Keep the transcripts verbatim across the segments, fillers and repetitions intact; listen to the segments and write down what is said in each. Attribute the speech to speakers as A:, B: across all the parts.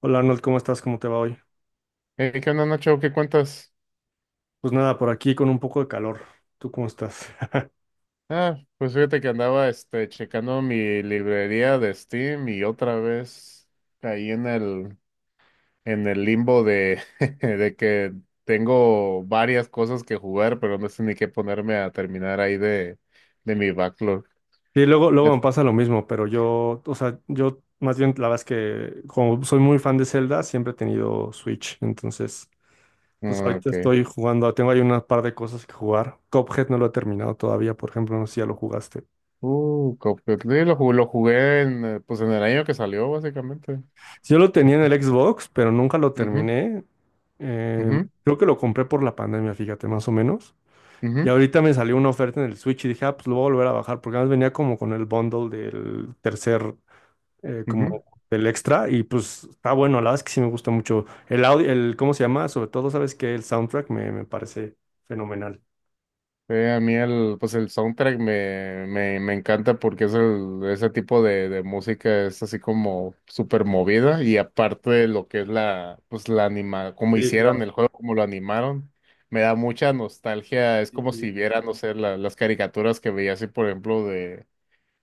A: Hola Arnold, ¿cómo estás? ¿Cómo te va hoy?
B: Eh, ¿qué onda, Nacho? ¿Qué cuentas?
A: Pues nada, por aquí con un poco de calor. ¿Tú cómo estás?
B: Ah, pues fíjate que andaba este checando mi librería de Steam y otra vez caí en el en el limbo de, de que tengo varias cosas que jugar, pero no sé ni qué ponerme a terminar ahí de, de mi backlog.
A: Sí, luego, luego
B: Es-
A: me pasa lo mismo, pero yo, o sea, yo más bien la verdad es que como soy muy fan de Zelda, siempre he tenido Switch, entonces pues
B: ah,
A: ahorita
B: ok.
A: estoy jugando, tengo ahí un par de cosas que jugar. Cuphead no lo he terminado todavía, por ejemplo, no sé si ya lo jugaste.
B: Uh, Cuphead, sí, lo, ju- lo jugué en, eh, pues en el año que salió, básicamente.
A: Yo lo tenía en el Xbox, pero nunca lo
B: Ujú,
A: terminé. Eh,
B: ujú,
A: creo que lo compré por la pandemia, fíjate, más o menos. Y
B: ujú,
A: ahorita me salió una oferta en el Switch y dije, ah, pues lo voy a volver a bajar, porque además venía como con el bundle del tercer, eh,
B: ujú.
A: como del extra, y pues está bueno, la verdad es que sí me gusta mucho. El audio, el, ¿cómo se llama? Sobre todo, ¿sabes que el soundtrack me, me parece fenomenal.
B: Eh, a mí el, pues el soundtrack me, me, me encanta porque es el, ese tipo de, de música es así como súper movida, y aparte de lo que es la, pues la anima, como
A: Sí,
B: hicieron
A: claro.
B: el juego, como lo animaron, me da mucha nostalgia. Es
A: Sí,
B: como
A: sí.
B: si viera, no sé, la- las caricaturas que veía así, por ejemplo, de,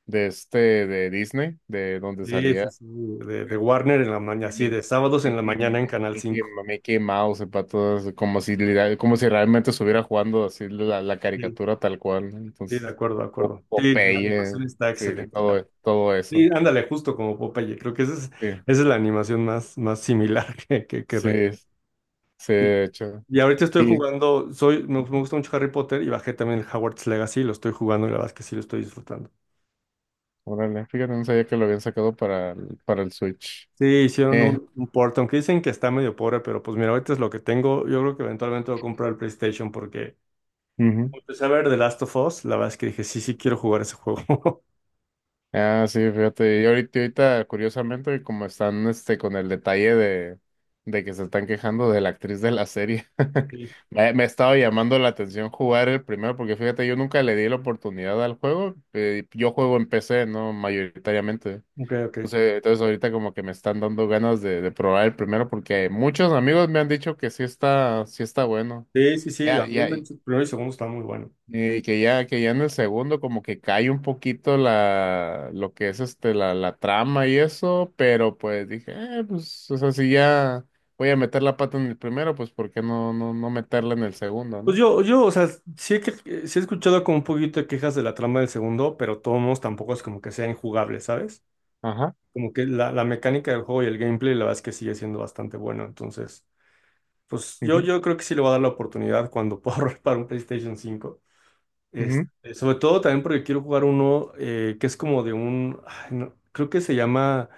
B: de este, de Disney, de donde
A: Sí,
B: salía
A: sí, sí. De, de Warner en la mañana,
B: me,
A: sí,
B: me,
A: de sábados
B: me,
A: en la mañana
B: quem-
A: en
B: me-
A: Canal
B: me
A: cinco.
B: quema- me he quemado, sepa, todas como si, literal- como si realmente estuviera jugando así la, la
A: Sí,
B: caricatura tal cual, ¿no?
A: sí, de
B: Entonces,
A: acuerdo, de
B: Po-
A: acuerdo. Sí, la
B: Popeye,
A: animación está
B: sí,
A: excelente. la-
B: todo, todo
A: Sí,
B: eso,
A: ándale, justo como Popeye, creo que esa es,
B: sí,
A: esa es la animación más, más similar que, que, que recuerdo.
B: sí, sí, de hecho.
A: Y ahorita estoy
B: Y,
A: jugando, soy, me, me gusta mucho Harry Potter y bajé también el Hogwarts Legacy, lo estoy jugando y la verdad es que sí lo estoy disfrutando.
B: órale, fíjate, no sabía que lo habían sacado para, el- para el Switch.
A: Sí, hicieron
B: Eh,
A: un, un port, aunque dicen que está medio pobre, pero pues mira, ahorita es lo que tengo. Yo creo que eventualmente voy a comprar el PlayStation porque
B: ujú.
A: empecé a ver The Last of Us, la verdad es que dije, sí, sí quiero jugar ese juego.
B: Ah, sí, fíjate. Y ahorita, ahorita, curiosamente, como están este con el detalle de, de que se están quejando de la actriz de la serie.
A: Sí.
B: Me, me estaba llamando la atención jugar el primero, porque fíjate, yo nunca le di la oportunidad al juego. Eh, yo juego en P C, ¿no? Mayoritariamente.
A: Ok, ok.
B: Entonces, entonces ahorita como que me están dando ganas de, de probar el primero, porque muchos amigos me han dicho que sí está, sí está bueno.
A: Sí, sí, sí, a
B: Ya,
A: mí
B: ya,
A: me- el primero y segundo está muy bueno.
B: y que ya, que ya en el segundo como que cae un poquito la, lo que es este, la, la trama y eso. Pero pues dije, eh, pues, o sea, si ya voy a meter la pata en el primero, pues ¿por qué no, no, no meterla en el segundo,
A: Pues
B: no?
A: yo, yo, o sea, sí he, que- sí he escuchado como un poquito de quejas de la trama del segundo, pero todos tampoco es como que sea injugable, ¿sabes?
B: Ajá.
A: Como que la, la mecánica del juego y el gameplay, la verdad es que sigue siendo bastante bueno. Entonces, pues yo,
B: Ujú,
A: yo creo que sí le voy a dar la oportunidad cuando pueda ahorrar para un PlayStation cinco.
B: ujú,
A: Este, sobre todo también porque quiero jugar uno eh, que es como de un, ay, no, creo que se llama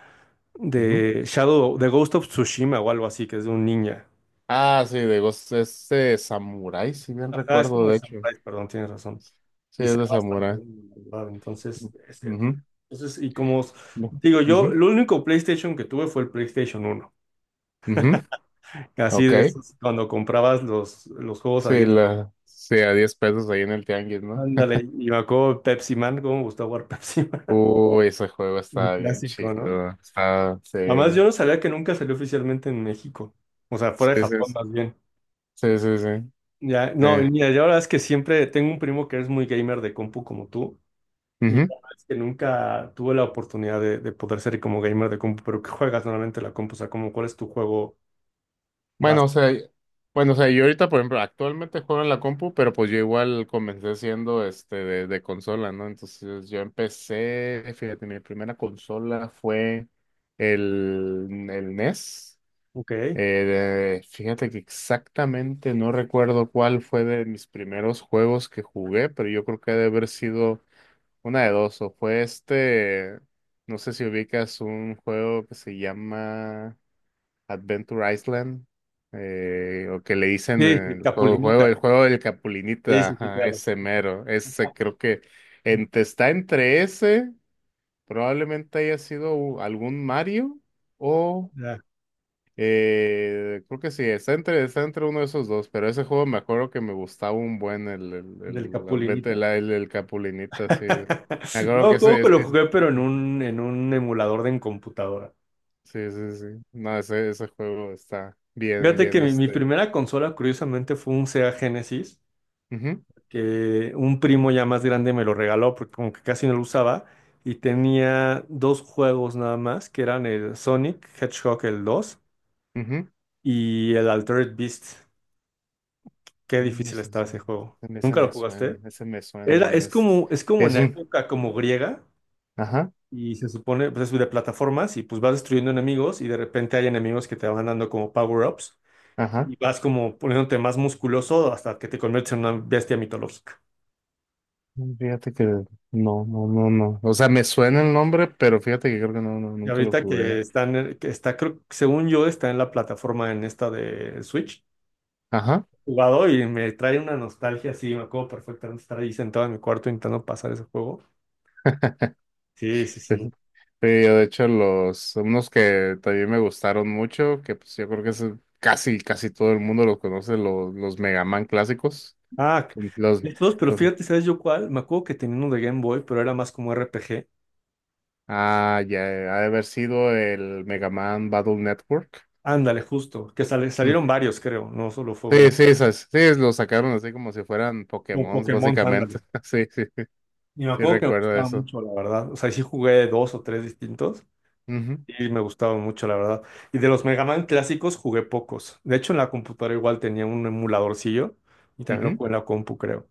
B: ujú.
A: de Shadow, de Ghost of Tsushima o algo así, que es de un ninja.
B: Ah, sí, digo, es, es de samurái, si bien
A: Ajá, es como
B: recuerdo,
A: de
B: de hecho.
A: Samurai, perdón, tienes razón.
B: Sí,
A: Y
B: es
A: se
B: de
A: ve bastante
B: samurái.
A: bueno, la verdad. Entonces, este,
B: Ujú,
A: entonces, y como os-
B: bu-
A: digo yo,
B: ujú,
A: el único PlayStation que tuve fue el PlayStation uno.
B: ujú.
A: Así de
B: Ok.
A: esos, cuando comprabas los, los juegos a
B: Sí,
A: diez.
B: la, sí, a diez pesos ahí en el tianguis, no.
A: Ándale, y me acuerdo Pepsi Man, cómo me gustaba jugar Pepsi Man.
B: Uh, ese juego
A: Un
B: estaba bien
A: clásico, ¿no?
B: chido. Estaba, sí,
A: Además, yo no sabía que nunca salió oficialmente en México. O sea, fuera de
B: sí, sí,
A: Japón más bien.
B: sí, sí, sí, sí.
A: Ya, no, y
B: Sí.
A: mira, yo la verdad es que siempre tengo un primo que es muy gamer de compu como tú. Y la
B: Ujú.
A: verdad es que nunca tuve la oportunidad de, de poder ser como gamer de compu. Pero ¿qué juegas normalmente en la compu? O sea, como, ¿cuál es tu juego base?
B: Bueno, o sea, bueno, o sea, yo ahorita, por ejemplo, actualmente juego en la compu, pero pues yo igual comencé siendo este de, de consola, ¿no? Entonces yo empecé, fíjate, mi primera consola fue el, el N E S. Eh,
A: Ok.
B: de- fíjate que exactamente no recuerdo cuál fue de mis primeros juegos que jugué, pero yo creo que ha de haber sido una de dos. O fue este, no sé si ubicas un juego que se llama Adventure Island, eh, o que le dicen
A: Sí, el
B: el juego, juego- el
A: Capulinita.
B: juego del
A: Sí,
B: Capulinita,
A: sí, sí,
B: ajá,
A: claro. Sí,
B: ese
A: sí, sí.
B: mero. Ese creo que entre- está entre ese, probablemente haya sido u- algún Mario.
A: Ya,
B: Eh, creo que sí, está entre, está entre uno de esos dos, pero ese juego me acuerdo que me gustaba un buen el, el,
A: del
B: el Advent-
A: Capulinita.
B: el, el- el Capulinita, sí. Me acuerdo que
A: No, juego
B: ese
A: que
B: es,
A: lo
B: es-
A: jugué, pero en un, en un emulador de en computadora.
B: sí, sí, sí. Sí. No, ese, ese juego está bien,
A: Fíjate que
B: bien,
A: mi, mi
B: este.
A: primera consola, curiosamente, fue un Sega Genesis,
B: Ujú,
A: que un primo ya más grande me lo regaló, porque como que casi no lo usaba, y tenía dos juegos nada más, que eran el Sonic Hedgehog el dos
B: ujú.
A: y el Altered Beast. Qué
B: Mm,
A: difícil
B: ese,
A: estaba
B: ese-
A: ese juego.
B: ese- Ese
A: ¿Nunca lo
B: me suena,
A: jugaste?
B: ese me
A: Era,
B: suena,
A: es
B: es,
A: como, es como en
B: es
A: la
B: un,
A: época como griega.
B: ajá,
A: Y se supone, pues es de plataformas y pues vas destruyendo enemigos y de repente hay enemigos que te van dando como power-ups
B: ajá.
A: y vas como poniéndote más musculoso hasta que te conviertes en una bestia mitológica.
B: Fíjate que no, no, no, no. O sea, me suena el nombre, pero fíjate que creo que no, no,
A: Y
B: nunca lo
A: ahorita que
B: jugué.
A: están, que está, creo, según yo, está en la plataforma en esta de Switch,
B: Ajá.
A: jugado y me trae una nostalgia así, me acuerdo perfectamente estar ahí sentado en mi cuarto intentando pasar ese juego. Sí, sí,
B: Sí.
A: sí.
B: Sí, yo de hecho los unos que también me gustaron mucho, que pues yo creo que es casi casi todo el mundo los conoce, los, los Mega Man clásicos.
A: Ah,
B: Los,
A: estos, pero
B: los
A: fíjate, ¿sabes yo cuál? Me acuerdo que tenía uno de Game Boy, pero era más como R P G.
B: Ah, ya ha de haber sido el Mega Man Battle Network.
A: Ándale, justo, que sale-
B: Mm.
A: salieron varios, creo, no solo fue
B: Sí,
A: uno.
B: sí, esas, sí, los sacaron así como si fueran
A: Un
B: Pokémon,
A: Pokémon, ándale.
B: básicamente. Sí, sí,
A: Y me
B: sí
A: acuerdo que me
B: recuerdo
A: gustaba
B: eso.
A: mucho, la verdad. O sea, sí jugué dos o tres distintos
B: Ujú,
A: y me gustaban mucho, la verdad. Y de los Mega Man clásicos jugué pocos. De hecho, en la computadora igual tenía un emuladorcillo y también lo
B: ujú.
A: jugué en la compu, creo.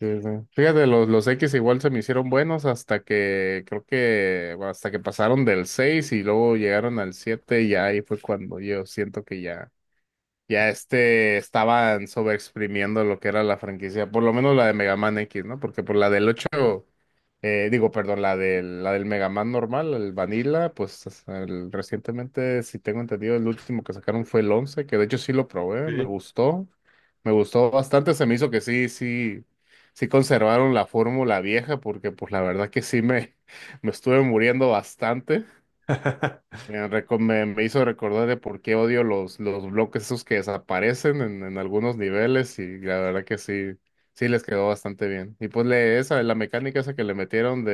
B: Sí, sí. Fíjate, los, los X igual se me hicieron buenos hasta que creo que bueno, hasta que pasaron del seis y luego llegaron al siete, y ahí fue cuando yo siento que ya ya este estaban sobreexprimiendo lo que era la franquicia, por lo menos la de Mega Man X, ¿no? Porque por la del ocho eh, digo, perdón, la del, la del Mega Man normal, el Vanilla, pues es el- recientemente, si tengo entendido, el último que sacaron fue el once, que de hecho sí lo probé, me
A: Sí.
B: gustó, me gustó bastante. Se me hizo que sí, sí, sí conservaron la fórmula vieja, porque pues la verdad que sí me, me estuve muriendo bastante. Eh, reco- Me, me hizo recordar de por qué odio los, los bloques esos que desaparecen en, en algunos niveles, y la verdad que sí, sí les quedó bastante bien. Y pues le, esa, la mecánica esa que le metieron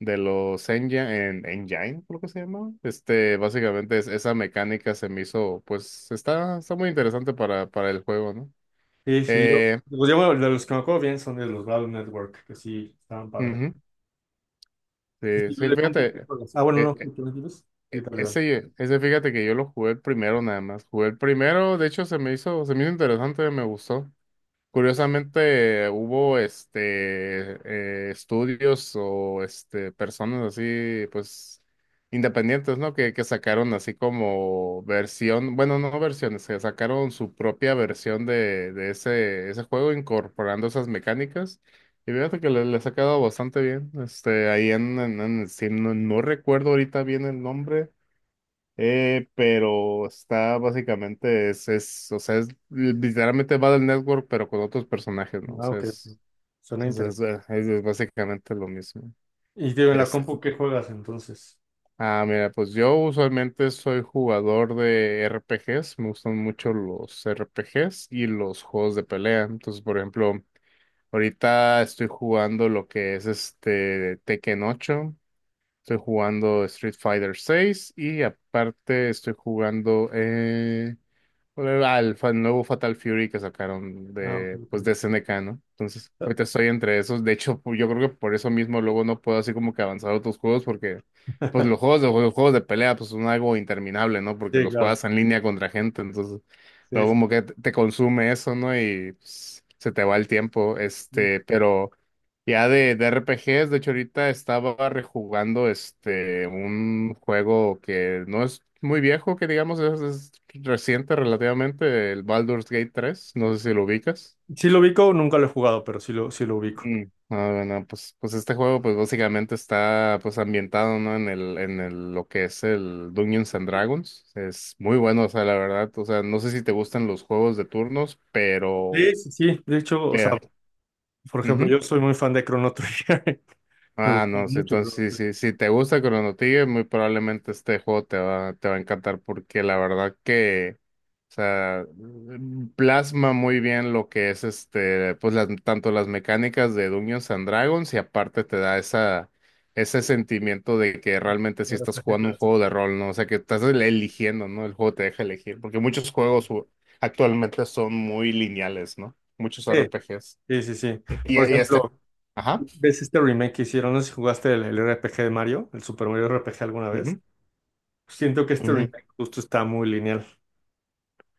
B: de los engine, en, engine, creo que se llama. Este, básicamente es- esa mecánica se me hizo, pues está, está muy interesante para, para el juego, ¿no?
A: Sí, sí, yo.
B: Eh,
A: Pues yo, bueno, de los que me acuerdo bien son de los Battle Network, que sí, estaban padres.
B: Ujú.
A: ¿Y
B: Sí,
A: tú
B: sí,
A: de compu qué
B: fíjate,
A: juegas? Ah, bueno,
B: eh,
A: no,
B: eh,
A: ¿qué qué me dices? Sí, dale, dale.
B: ese, ese, fíjate que yo lo jugué el primero nada más, jugué el primero. De hecho se me hizo, se me hizo interesante, me gustó. Curiosamente, hubo este eh, estudios o este personas así, pues independientes, ¿no? Que, que sacaron así como versión, bueno, no versiones, que sacaron su propia versión de, de ese, ese juego incorporando esas mecánicas. Y fíjate que le, les ha quedado bastante bien. Este, ahí en, en, en Steam, no, no recuerdo ahorita bien el nombre. Eh, pero está básicamente, es, es, o sea, es literalmente Battle Network, pero con otros personajes, ¿no? O
A: Ah,
B: sea,
A: ok. Ok.
B: es,
A: Suena
B: es, es-
A: interesante.
B: eh, es- es básicamente lo mismo.
A: Y digo, en la
B: Este,
A: compu qué juegas entonces.
B: ah, mira, pues yo usualmente soy jugador de R P Gs, me gustan mucho los R P Gs y los juegos de pelea. Entonces, por ejemplo, ahorita estoy jugando lo que es este Tekken ocho, estoy jugando Street Fighter seis, y aparte estoy jugando eh, al fa- nuevo Fatal Fury que sacaron
A: Ah,
B: de,
A: ok,
B: pues, de S N K, ¿no? Entonces,
A: ok.
B: ahorita estoy entre esos. De hecho, pu- yo creo que por eso mismo luego no puedo así como que avanzar a otros juegos, porque pues los juegos de, los juegos de pelea, pues, son algo interminable, ¿no? Porque
A: Sí,
B: los
A: claro.
B: juegas en línea contra gente. Entonces,
A: Sí,
B: luego
A: sí,
B: como que te te consume eso, ¿no? Y pues, se te va el tiempo,
A: sí.
B: este, pero... Ya de, de R P Gs, de hecho ahorita estaba rejugando este un juego que no es muy viejo, que digamos es, es reciente relativamente, el Baldur's Gate tres, no sé si lo ubicas.
A: Sí lo ubico, nunca lo he jugado, pero sí lo, sí lo ubico.
B: Mm. Ah, bueno, pues, pues este juego pues básicamente está pues ambientado, ¿no? en el, en el, lo que es el Dungeons and Dragons. Es muy bueno, o sea, la verdad, o sea, no sé si te gustan los juegos de turnos, pero,
A: Sí, sí, sí. De hecho, o
B: pero,
A: sea, por ejemplo,
B: ujú.
A: yo soy muy fan de Chrono Trigger. Me
B: Ah,
A: gusta
B: no, sí,
A: mucho Chrono
B: entonces sí,
A: Trigger.
B: sí, si te gusta Chrono Trigger, muy probablemente este juego te va, te va a encantar, porque la verdad que, o sea, mm, plasma muy bien lo que es este, pues las, tanto las mecánicas de Dungeons and Dragons, y aparte te da esa, ese sentimiento de que realmente
A: Un
B: sí estás
A: R P G
B: jugando un
A: clásico.
B: juego de rol, ¿no? O sea, que estás el- eligiendo, ¿no? El juego te deja elegir, porque muchos juegos u- actualmente son muy lineales, ¿no? Muchos
A: Sí,
B: R P Gs.
A: sí, sí, sí.
B: Y, y
A: Por
B: este,
A: ejemplo,
B: ajá.
A: ¿ves este remake que hicieron? No sé si jugaste el, el R P G de Mario, el Super Mario R P G alguna vez.
B: Ujú,
A: Siento que este
B: ujú.
A: remake justo está muy lineal.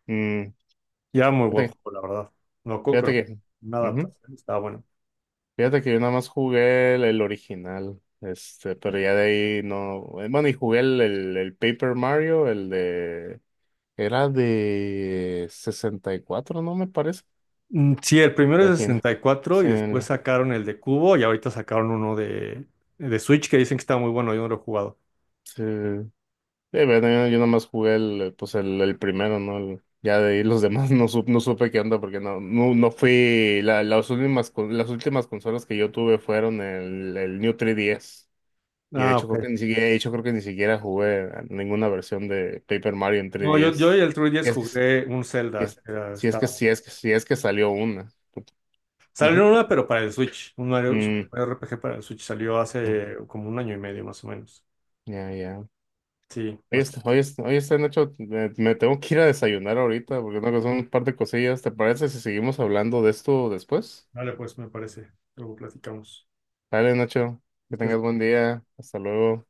B: Mm.
A: Ya muy buen
B: Fíjate que,
A: juego, la verdad. No creo que lo-
B: fíjate que,
A: nada, pero
B: Ujú.
A: estaba bueno.
B: Fíjate que yo nada más jugué el, el original, este. Pero ya de ahí no, eh, bueno, y jugué el, el, el Paper Mario, el de, era de sesenta y cuatro, ¿no? Me parece,
A: Mm, Sí, el primero es de
B: imagina.
A: sesenta y cuatro y cuatro y
B: Sí,
A: después
B: el-
A: sacaron el de Cubo y ahorita sacaron uno de, de Switch que dicen que está muy bueno, yo no lo he jugado.
B: sí. Sí, bueno, yo, yo nada más jugué el, pues el, el primero, ¿no? El- ya de ahí los demás no, sup- no supe qué onda, porque no, no, no fui, la- las últimas, con- las últimas consolas que yo tuve fueron el, el New tres D S. Y de
A: Ah,
B: hecho
A: ok.
B: creo que ni siquiera, de hecho creo que ni siquiera jugué a ninguna versión de Paper Mario en
A: No, yo, yo,
B: tres D S.
A: y el
B: Y
A: tres D S
B: es que,
A: jugué un
B: y
A: Zelda,
B: es-
A: que era-
B: Si es que,
A: estaba.
B: si es que, si es que salió una.
A: Salió
B: Ujú.
A: una, pero para el Switch, un Mario, Super
B: Mm,
A: Mario R P G para el Switch, salió
B: mm,
A: hace como un año y medio más o menos.
B: ya, ya.
A: Sí,
B: Oye, este-
A: bastante.
B: oye, este- oye, este, Nacho, me, me tengo que ir a desayunar ahorita porque tengo que hacer un par de cosillas. ¿Te parece si seguimos hablando de esto después?
A: Vale, pues me parece. Luego platicamos.
B: Dale, Nacho, que tengas
A: Ustedes-
B: buen día. Hasta luego.